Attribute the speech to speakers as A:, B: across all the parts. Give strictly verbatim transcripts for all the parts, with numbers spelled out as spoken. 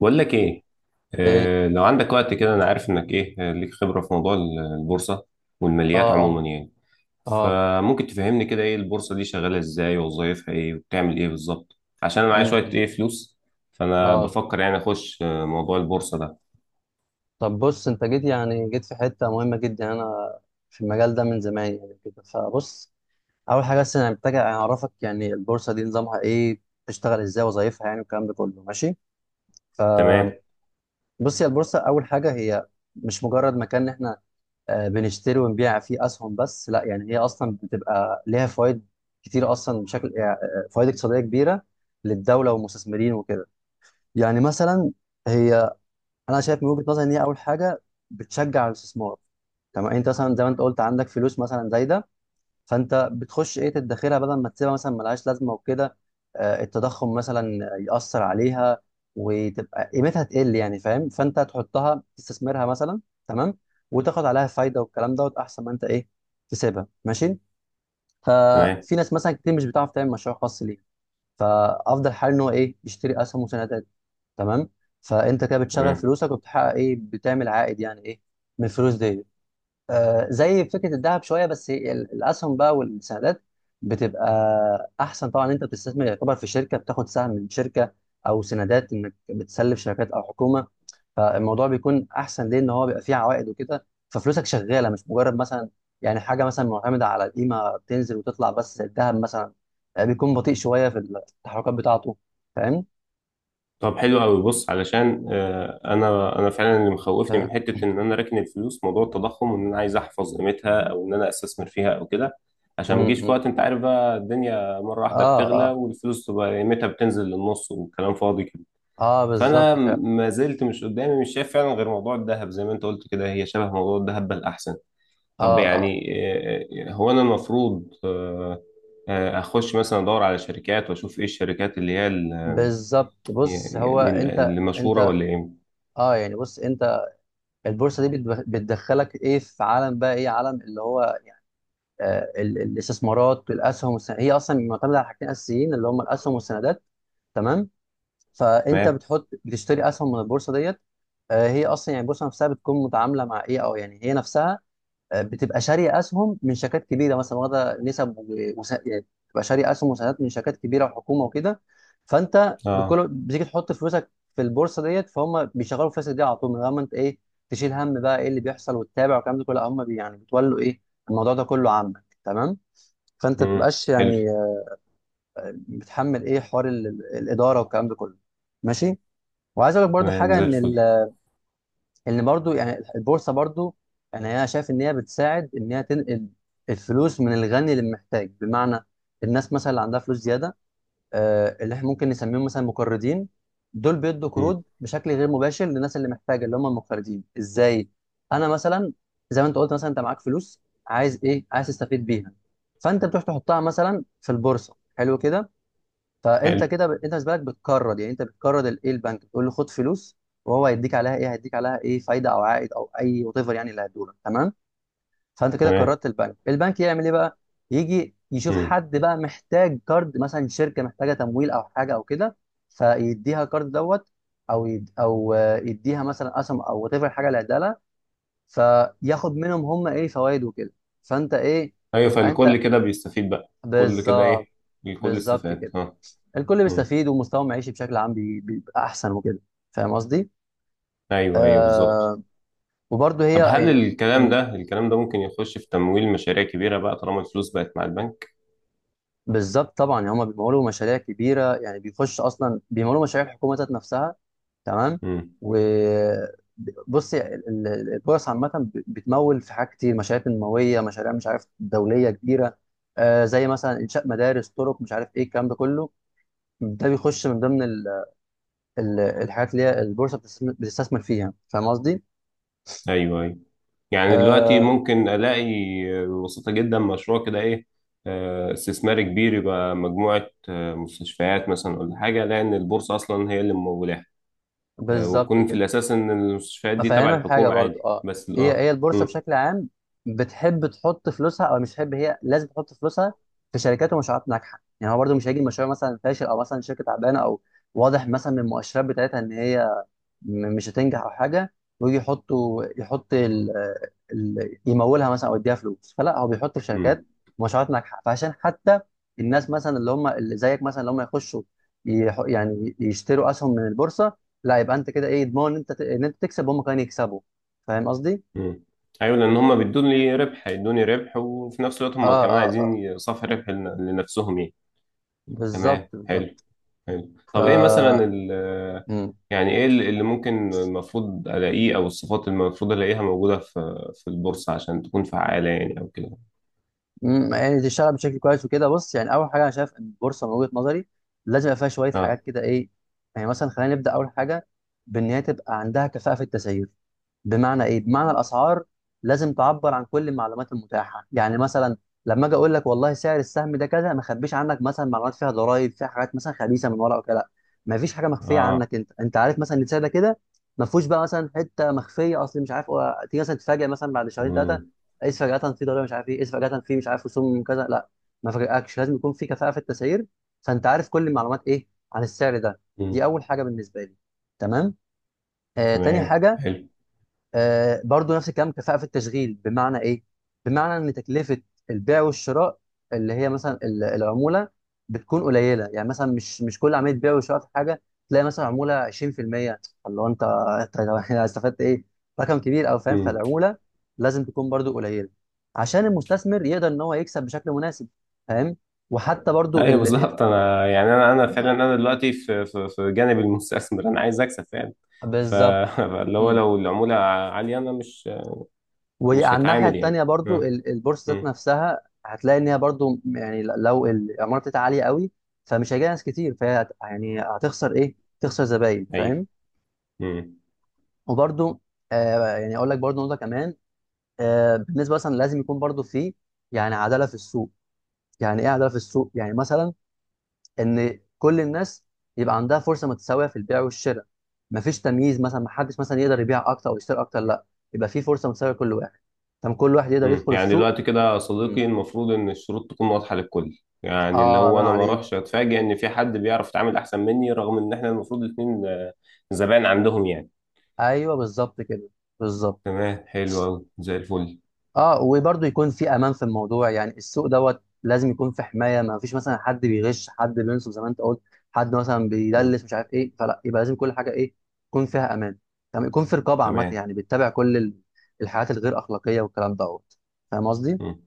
A: بقول لك ايه.
B: ايه.
A: آه، لو عندك وقت كده، انا عارف انك ايه. آه، ليك خبرة في موضوع ال- البورصة
B: اه
A: والماليات عموما يعني.
B: اه اه
A: فممكن تفهمني كده ايه البورصة دي، شغالة ازاي، ووظايفها ايه، وبتعمل ايه بالظبط؟ عشان انا معايا شوية
B: امم
A: ايه فلوس، فانا
B: اه
A: بفكر يعني اخش آه، موضوع البورصة ده.
B: طب بص، انت جيت يعني جيت في حته مهمه جدا. يعني انا في المجال ده من زمان يعني، كده فبص. اول حاجه، بس انا محتاج اعرفك يعني البورصه دي نظامها ايه، بتشتغل ازاي، وظايفها يعني، والكلام ده كله، ماشي؟
A: تمام.
B: فبص، يا البورصه اول حاجه هي مش مجرد مكان إن احنا آه، بنشتري ونبيع فيه اسهم بس، لا. يعني هي اصلا بتبقى ليها فوائد كتير اصلا، بشكل آه، فوائد اقتصاديه كبيره للدوله والمستثمرين وكده. يعني مثلا هي انا شايف من وجهه نظري ان هي اول حاجه بتشجع على الاستثمار. تمام؟ انت مثلا زي ما انت قلت عندك فلوس مثلا زايده، فانت بتخش ايه، تدخرها بدل ما تسيبها مثلا ملهاش لازمه وكده. آه، التضخم مثلا ياثر عليها وتبقى قيمتها تقل يعني، فاهم؟ فانت تحطها تستثمرها مثلا، تمام، وتاخد عليها فايده والكلام دوت، احسن ما انت ايه تسيبها، ماشي؟
A: تمام.
B: ففي ناس مثلا كتير مش بتعرف تعمل مشروع خاص ليه، فافضل حل ان هو ايه، يشتري اسهم وسندات. تمام؟ فانت كده بتشغل
A: تمام.
B: فلوسك وبتحقق ايه، بتعمل عائد يعني ايه من الفلوس دي. آه، زي فكره الذهب شويه، بس هي ال- الاسهم بقى والسندات بتبقى احسن طبعا. انت بتستثمر، يعتبر في شركه، بتاخد سهم من شركه او سندات انك بتسلف شركات او حكومه. فالموضوع بيكون احسن ليه ان هو بيبقى فيه عوائد وكده، ففلوسك شغاله مش مجرد مثلا يعني حاجه مثلا معتمده على القيمه بتنزل وتطلع بس زي الذهب مثلا. آه، بيكون بطيء شويه في التحركات بتاعته، فاهم؟
A: طب حلو قوي. بص، علشان آه، انا انا فعلا اللي مخوفني
B: آه.
A: من حته ان انا راكن الفلوس، موضوع التضخم، وان انا عايز احفظ قيمتها، او ان انا استثمر فيها او كده،
B: م-
A: عشان ما اجيش في
B: م.
A: وقت، انت عارف بقى، الدنيا مره واحده
B: اه
A: بتغلى
B: اه,
A: والفلوس تبقى قيمتها بتنزل للنص وكلام فاضي كده.
B: آه
A: فانا
B: بالظبط فعلا.
A: ما زلت مش قدامي، مش شايف فعلا غير موضوع الذهب، زي ما انت قلت كده هي شبه موضوع الذهب بل احسن. طب
B: اه اه
A: يعني، آه، آه، هو انا المفروض آه، آه، اخش مثلا ادور على شركات واشوف ايه الشركات اللي هي
B: بالظبط. بص
A: يعني
B: هو
A: يعني ال-
B: انت
A: المشهورة
B: انت
A: ولا ايه؟
B: اه يعني بص، انت البورصه دي بتدخ- بتدخلك ايه في عالم بقى، ايه عالم اللي هو يعني آه، ال- الاستثمارات والاسهم والسن... هي اصلا معتمده على حاجتين اساسيين اللي هم الاسهم والسندات. تمام؟ فانت
A: تمام.
B: بتحط، بتشتري اسهم من البورصه ديت. آه، هي اصلا يعني البورصه نفسها بتكون متعامله مع ايه، او يعني هي نفسها آه، بتبقى شاريه اسهم من شركات كبيره مثلا، واخده نسب و- وس... يعني بتبقى شاريه اسهم وسهامات من شركات كبيره وحكومه وكده. فانت
A: اه.
B: بكل بتيجي تحط فلوسك في البورصه ديت، فهم بيشغلوا فلوسك دي على طول، من غير ما انت ايه تشيل هم بقى ايه اللي بيحصل وتتابع والكلام ده كله. لا، هم بي يعني بتولوا ايه الموضوع ده كله عنك. تمام؟ فانت ما
A: امم.
B: تبقاش
A: حلو.
B: يعني آه، بتحمل ايه حوار ال- ال- الاداره والكلام ده كله، ماشي. وعايز اقول لك برضو
A: تمام
B: حاجه
A: زي
B: ان
A: الفل.
B: ال- ان برضو يعني البورصه برضو، يعني انا شايف ان هي بتساعد ان هي تنقل الفلوس من الغني للمحتاج. بمعنى الناس مثلا اللي عندها فلوس زياده، آه، اللي احنا ممكن نسميهم مثلا مقرضين، دول بيدوا
A: امم.
B: قروض بشكل غير مباشر للناس اللي محتاجه اللي هم المقرضين. ازاي؟ انا مثلا، زي ما انت قلت مثلا، انت معاك فلوس، عايز ايه، عايز تستفيد بيها، فانت بتروح تحطها مثلا في البورصه، حلو كده. فانت
A: حلو.
B: كده ب... انت بالنسبه لك بتكرد، يعني انت بتكرد ال- ايه البنك، بتقول له خد فلوس، وهو هيديك عليها ايه، هيديك عليها ايه، فايده او عائد او اي وات ايفر يعني اللي هيدولك، تمام. فانت كده
A: تمام.
B: كردت البنك، البنك يعمل ايه بقى، يجي يشوف
A: امم.
B: حد بقى محتاج كارد مثلا، شركه محتاجه تمويل او حاجه او كده، فيديها كارد دوت. او يد... او آه، يديها مثلا اسهم او وات ايفر حاجه اللي هيديها لها، فياخد منهم هم ايه فوائد وكده. فانت ايه،
A: ايوه،
B: يبقى
A: فالكل
B: انت،
A: كده بيستفيد بقى، كل كده ايه،
B: بالظبط.
A: الكل
B: بالظبط
A: استفاد.
B: كده.
A: اه.
B: الكل
A: امم.
B: بيستفيد، ومستوى المعيشي بشكل عام بي- بيبقى احسن وكده، فاهم قصدي؟
A: ايوه ايوه بالظبط.
B: آه، وبرضه هي
A: طب هل
B: يعني
A: الكلام
B: مم،
A: ده، الكلام ده ممكن يخش في تمويل مشاريع كبيرة بقى طالما الفلوس بقت مع البنك؟
B: بالظبط طبعا يعني هما بيمولوا مشاريع كبيره، يعني بيخش اصلا بيمولوا مشاريع الحكومه ذات نفسها، تمام.
A: امم.
B: و بص يعني ال- ال- ال- البورصه عامه ب- بتمول في حاجات كتير، مشاريع تنمويه، مشاريع مش عارف دوليه كبيره. آه زي مثلا انشاء مدارس، طرق، مش عارف ايه الكلام ده كله. ده بيخش من ضمن ال- ال- الحاجات اللي هي البورصه بتستثم- بتستثمر فيها، فاهم قصدي؟
A: ايوه ايوه. يعني دلوقتي
B: آه
A: ممكن الاقي، آه، ببساطة جدا، مشروع كده ايه آه، استثماري كبير، يبقى مجموعة مستشفيات مثلا ولا حاجة، لأن البورصة أصلا هي اللي ممولة آه،
B: بالظبط
A: ويكون في
B: كده.
A: الأساس إن المستشفيات دي تبع
B: افهمك حاجه
A: الحكومة
B: برضو،
A: عادي
B: اه.
A: بس.
B: هي
A: اه.
B: هي البورصه
A: مم.
B: بشكل عام بتحب تحط فلوسها او مش بتحب، هي لازم تحط فلوسها في شركات ومشروعات ناجحه. يعني هو برضو مش هيجي مشروع مثلا فاشل او مثلا شركه تعبانه، او واضح مثلا من المؤشرات بتاعتها ان هي م- مش هتنجح او حاجه، ويجي يحطوا يحط ال... ال... يمولها مثلا او يديها فلوس. فلا، هو بيحط في
A: مم.
B: شركات مشروعات ناجحه، فعشان حتى الناس مثلا اللي هم اللي زيك مثلا اللي هم يخشوا يح... يعني يشتروا اسهم من البورصه، لا يبقى انت كده ايه ضمان ان انت ت... ان انت تكسب وهم كمان يكسبوا، فاهم قصدي؟
A: مم. أيوة، لأن هما بيدوني ربح، هيدوني ربح، وفي نفس الوقت
B: اه
A: هما كمان
B: اه اه
A: عايزين صافي ربح لن- لنفسهم يعني.
B: بالظبط
A: تمام.
B: بالظبط.
A: حلو. حلو.
B: ف
A: طب إيه مثلا ال، يعني إيه اللي اللي ممكن المفروض ألاقيه، أو الصفات اللي المفروض ألاقيها موجودة في في البورصة عشان تكون فعالة يعني أو كده؟
B: مم، يعني تشتغل بشكل كويس وكده. بص، يعني اول حاجه انا شايف ان البورصه من وجهه نظري لازم يبقى فيها شويه
A: اه.
B: حاجات كده، ايه يعني. مثلا، خلينا نبدا اول حاجه بان هي تبقى عندها كفاءه في التسعير. بمعنى ايه؟ بمعنى الاسعار لازم تعبر عن كل المعلومات المتاحه. يعني مثلا لما اجي اقول لك والله سعر السهم ده كذا، ما اخبيش عنك مثلا معلومات فيها ضرائب، فيها حاجات مثلا خبيثه من ورا او كده. لا، ما فيش حاجه مخفيه
A: اه.
B: عنك، انت انت عارف مثلا ان السعر ده كده، ما فيهوش بقى مثلا حته مخفيه اصل مش عارف هو- تيجي مثلا تتفاجئ مثلا بعد شهرين ثلاثه،
A: مم.
B: قيس فجأة في ضريبة مش عارف ايه، قيس فجأة في مش عارف رسوم كذا. لا، ما فاجئكش، لازم يكون في كفاءة في التسعير، فانت عارف كل المعلومات ايه عن السعر ده. دي
A: مم.
B: اول حاجة بالنسبة لي، تمام. آه تاني
A: تمام.
B: حاجة،
A: حلو.
B: آه، برضو نفس الكلام، كفاءة في التشغيل. بمعنى ايه؟ بمعنى ان تكلفة البيع والشراء اللي هي مثلا ال- العمولة بتكون قليلة. يعني مثلا مش مش كل عملية بيع وشراء في حاجة تلاقي مثلا عمولة عشرين في المية، اللي هو انت انت استفدت ايه؟ رقم كبير، او فاهم،
A: مم.
B: فالعمولة لازم تكون برضو قليلة عشان المستثمر يقدر ان هو يكسب بشكل مناسب، فاهم؟ وحتى برضو
A: ايوه
B: ال...
A: بالظبط. انا يعني، انا انا
B: آه،
A: فعلا انا دلوقتي في في في جانب المستثمر، انا عايز اكسب فعلا. ف-
B: بالظبط.
A: فاللي هو لو العموله عاليه انا مش، مش
B: وعلى الناحية
A: هتعامل يعني.
B: التانية برضو
A: اه.
B: ال- البورصة ذات
A: امم.
B: نفسها، هتلاقي إن هي برضو يعني لو العمارة بتاعتها عالية قوي، فمش هيجي ناس كتير، فهي هت- يعني هتخسر إيه؟ تخسر زباين،
A: ايوه.
B: فاهم؟
A: امم.
B: وبرضو آه يعني، أقول لك برضو نقطة كمان. آه بالنسبة مثلا، لازم يكون برضو في يعني عدالة في السوق. يعني إيه عدالة في السوق؟ يعني مثلا إن كل الناس يبقى عندها فرصة متساوية في البيع والشراء. مفيش تمييز، مثلا محدش مثلا يقدر يبيع أكتر أو يشتري أكتر، لا، يبقى في فرصة متساوية لكل واحد، طب كل واحد يقدر
A: امم.
B: يدخل
A: يعني
B: السوق.
A: دلوقتي كده يا صديقي، المفروض ان الشروط تكون واضحه للكل، يعني اللي
B: اه
A: هو
B: الله
A: انا ما
B: عليك.
A: اروحش اتفاجئ ان في حد بيعرف يتعامل احسن مني، رغم ان احنا المفروض الاثنين زبائن عندهم يعني.
B: ايوه بالظبط كده، بالظبط.
A: تمام. حلو قوي زي الفل.
B: اه وبرضه يكون في امان في الموضوع، يعني السوق دوت لازم يكون في حمايه، ما فيش مثلا حد بيغش، حد بينصب زي ما انت قلت، حد مثلا
A: امم.
B: بيدلس مش عارف ايه. فلا، يبقى لازم كل حاجه ايه يكون فيها امان، تمام، يكون في رقابه عامه،
A: تمام.
B: يعني بتتابع كل ال- الحاجات الغير اخلاقيه والكلام دوت، فاهم قصدي؟
A: امم.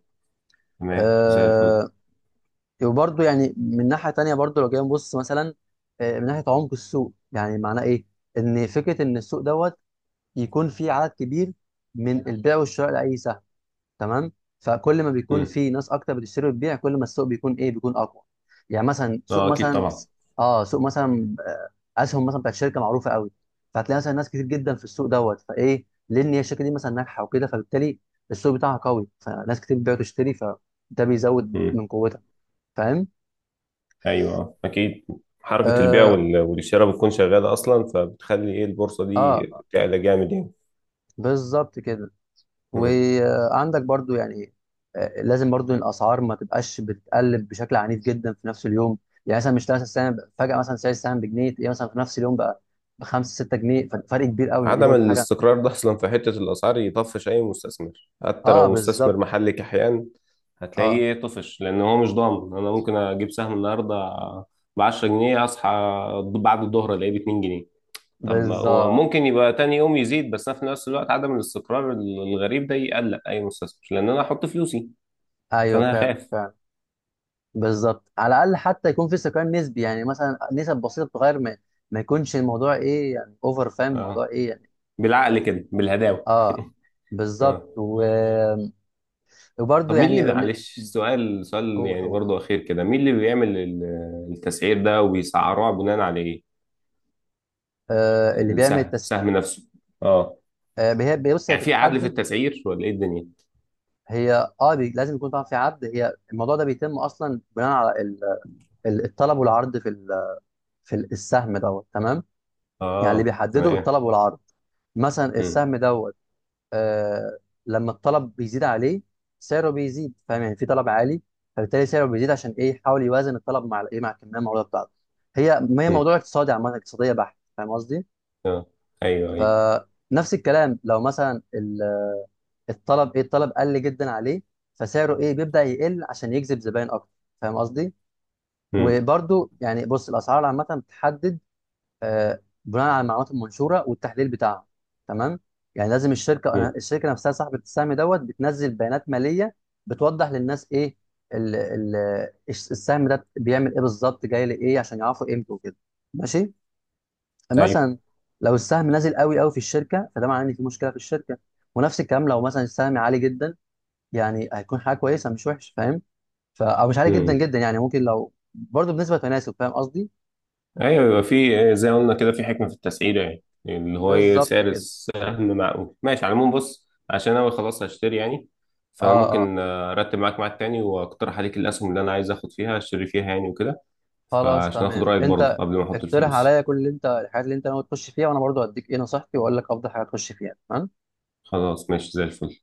A: تمام زي الفل.
B: آه وبرضه يعني من ناحيه تانيه، برضه لو جينا نبص مثلا آه، من ناحيه عمق السوق. يعني معناه ايه؟ ان فكره ان السوق دوت يكون في عدد كبير من البيع والشراء لاي سهم. تمام؟ فكل ما بيكون
A: امم.
B: في ناس اكتر بتشتري وتبيع، كل ما السوق بيكون ايه، بيكون اقوى. يعني مثلا سوق
A: اه اكيد
B: مثلا،
A: طبعا.
B: اه سوق مثلا آه، اسهم مثلا بتاعت شركه معروفه قوي، فهتلاقي مثلا ناس كتير جدا في السوق دوت، فايه، لان هي الشركه دي مثلا ناجحه وكده، فبالتالي السوق بتاعها قوي، فناس كتير بتبيع وتشتري، فده بيزود
A: مم.
B: من قوتها، فاهم؟
A: ايوه اكيد، حركه البيع
B: اه,
A: وال- والشراء بتكون شغاله اصلا، فبتخلي ايه البورصه دي
B: آه
A: تعلى جامد يعني.
B: بالظبط كده.
A: مم.
B: وعندك برضو يعني آه، لازم برضو الاسعار ما تبقاش بتقلب بشكل عنيف جدا في نفس اليوم. يعني مثلا مش تلاقي السهم فجاه مثلا سعر السهم بجنيه، تلاقيه مثلا في نفس اليوم بقى بخمسة ستة جنيه، فرق كبير قوي، دي
A: عدم
B: برضو حاجه.
A: الاستقرار ده اصلا في حته الاسعار يطفش اي مستثمر، حتى
B: اه
A: لو مستثمر
B: بالظبط.
A: محلي كحيان،
B: اه
A: هتلاقيه إيه، طفش، لان هو مش ضامن. انا ممكن اجيب سهم النهارده ب عشرة جنيه، اصحى بعد الظهر الاقيه ب اتنين جنيه. طب ما هو
B: بالظبط
A: ممكن يبقى تاني يوم يزيد، بس أنا في نفس الوقت عدم الاستقرار الغريب ده يقلق اي مستثمر، لان انا هحط فلوسي،
B: ايوه
A: فانا
B: فعلا
A: هخاف.
B: فعلا، بالظبط. على الاقل حتى يكون في استقرار نسبي، يعني مثلا نسب بسيطه بتتغير، ما, ما يكونش الموضوع ايه يعني اوفر، فاهم الموضوع
A: اه،
B: ايه يعني.
A: بالعقل كده، بالهداوه.
B: اه بالظبط
A: اه.
B: و... وبرضو
A: طب مين
B: يعني،
A: اللي، معلش، سؤال، سؤال
B: قول
A: يعني
B: قول
A: برضو اخير كده، مين اللي بيعمل ال- التسعير ده وبيسعروها بناء على ايه؟
B: آه، اللي بيعمل
A: السهم،
B: التس...
A: سهم نفسه. اه،
B: آه، هي بص هي
A: يعني في عدل في
B: بتتحدد،
A: التسعير ولا ايه الدنيا؟
B: هي اه بي... لازم يكون طبعا في عرض، هي الموضوع ده بيتم اصلا بناء على ال... ال- الطلب والعرض في ال... في ال- السهم دوت، تمام. يعني اللي
A: اه.
B: بيحدده
A: تمام.
B: الطلب والعرض، مثلا
A: امم.
B: السهم دوت آه لما الطلب بيزيد عليه سعره بيزيد، فاهم؟ يعني في طلب عالي، فبالتالي سعره بيزيد عشان ايه، يحاول يوازن الطلب مع الايه مع الكميه المعروضه بتاعته. هي هي
A: امم.
B: موضوع اقتصادي، عامه اقتصاديه بحت، فاهم قصدي؟
A: اه. ايوه ايوه.
B: فنفس الكلام لو مثلا الطلب ايه، الطلب قل جدا عليه، فسعره ايه بيبدأ يقل عشان يجذب زباين اكتر، فاهم قصدي.
A: امم.
B: وبرده يعني بص الاسعار عامه بتحدد آه، بناء على المعلومات المنشوره والتحليل بتاعها، تمام. يعني لازم الشركه
A: امم.
B: الشركه نفسها صاحبه السهم دوت بتنزل بيانات ماليه بتوضح للناس ايه ال ال السهم ده بيعمل ايه بالظبط، جاي لايه، عشان يعرفوا قيمته وكده، ماشي.
A: ايوه.
B: مثلا لو السهم نازل قوي قوي في الشركه، فده معناه ان في مشكله في الشركه. ونفس الكلام لو مثلا السهم عالي جدا، يعني هيكون حاجه كويسه مش وحش، فاهم؟ ف او مش عالي جدا
A: امم.
B: جدا يعني، ممكن لو برضه بنسبه تناسب، فاهم قصدي؟
A: ايوه، يبقى في زي ما قلنا كده في حكمه في التسعيره، يعني اللي هو ايه
B: بالظبط
A: سعر
B: كده.
A: السهم معقول، ماشي على العموم. بص، عشان انا خلاص هشتري يعني، فانا
B: اه اه
A: ممكن آه، ارتب معاك ميعاد تاني واقترح عليك الاسهم اللي انا عايز اخد فيها، اشتري فيها يعني وكده،
B: خلاص
A: فعشان اخد
B: تمام.
A: رايك برضه
B: انت
A: قبل ما احط
B: اقترح
A: الفلوس.
B: عليا كل اللي انت، الحاجات اللي انت ناوي تخش فيها، وانا برضه هديك ايه نصيحتي، واقول لك افضل حاجه تخش فيها، تمام.
A: خلاص، ماشي زي الفل.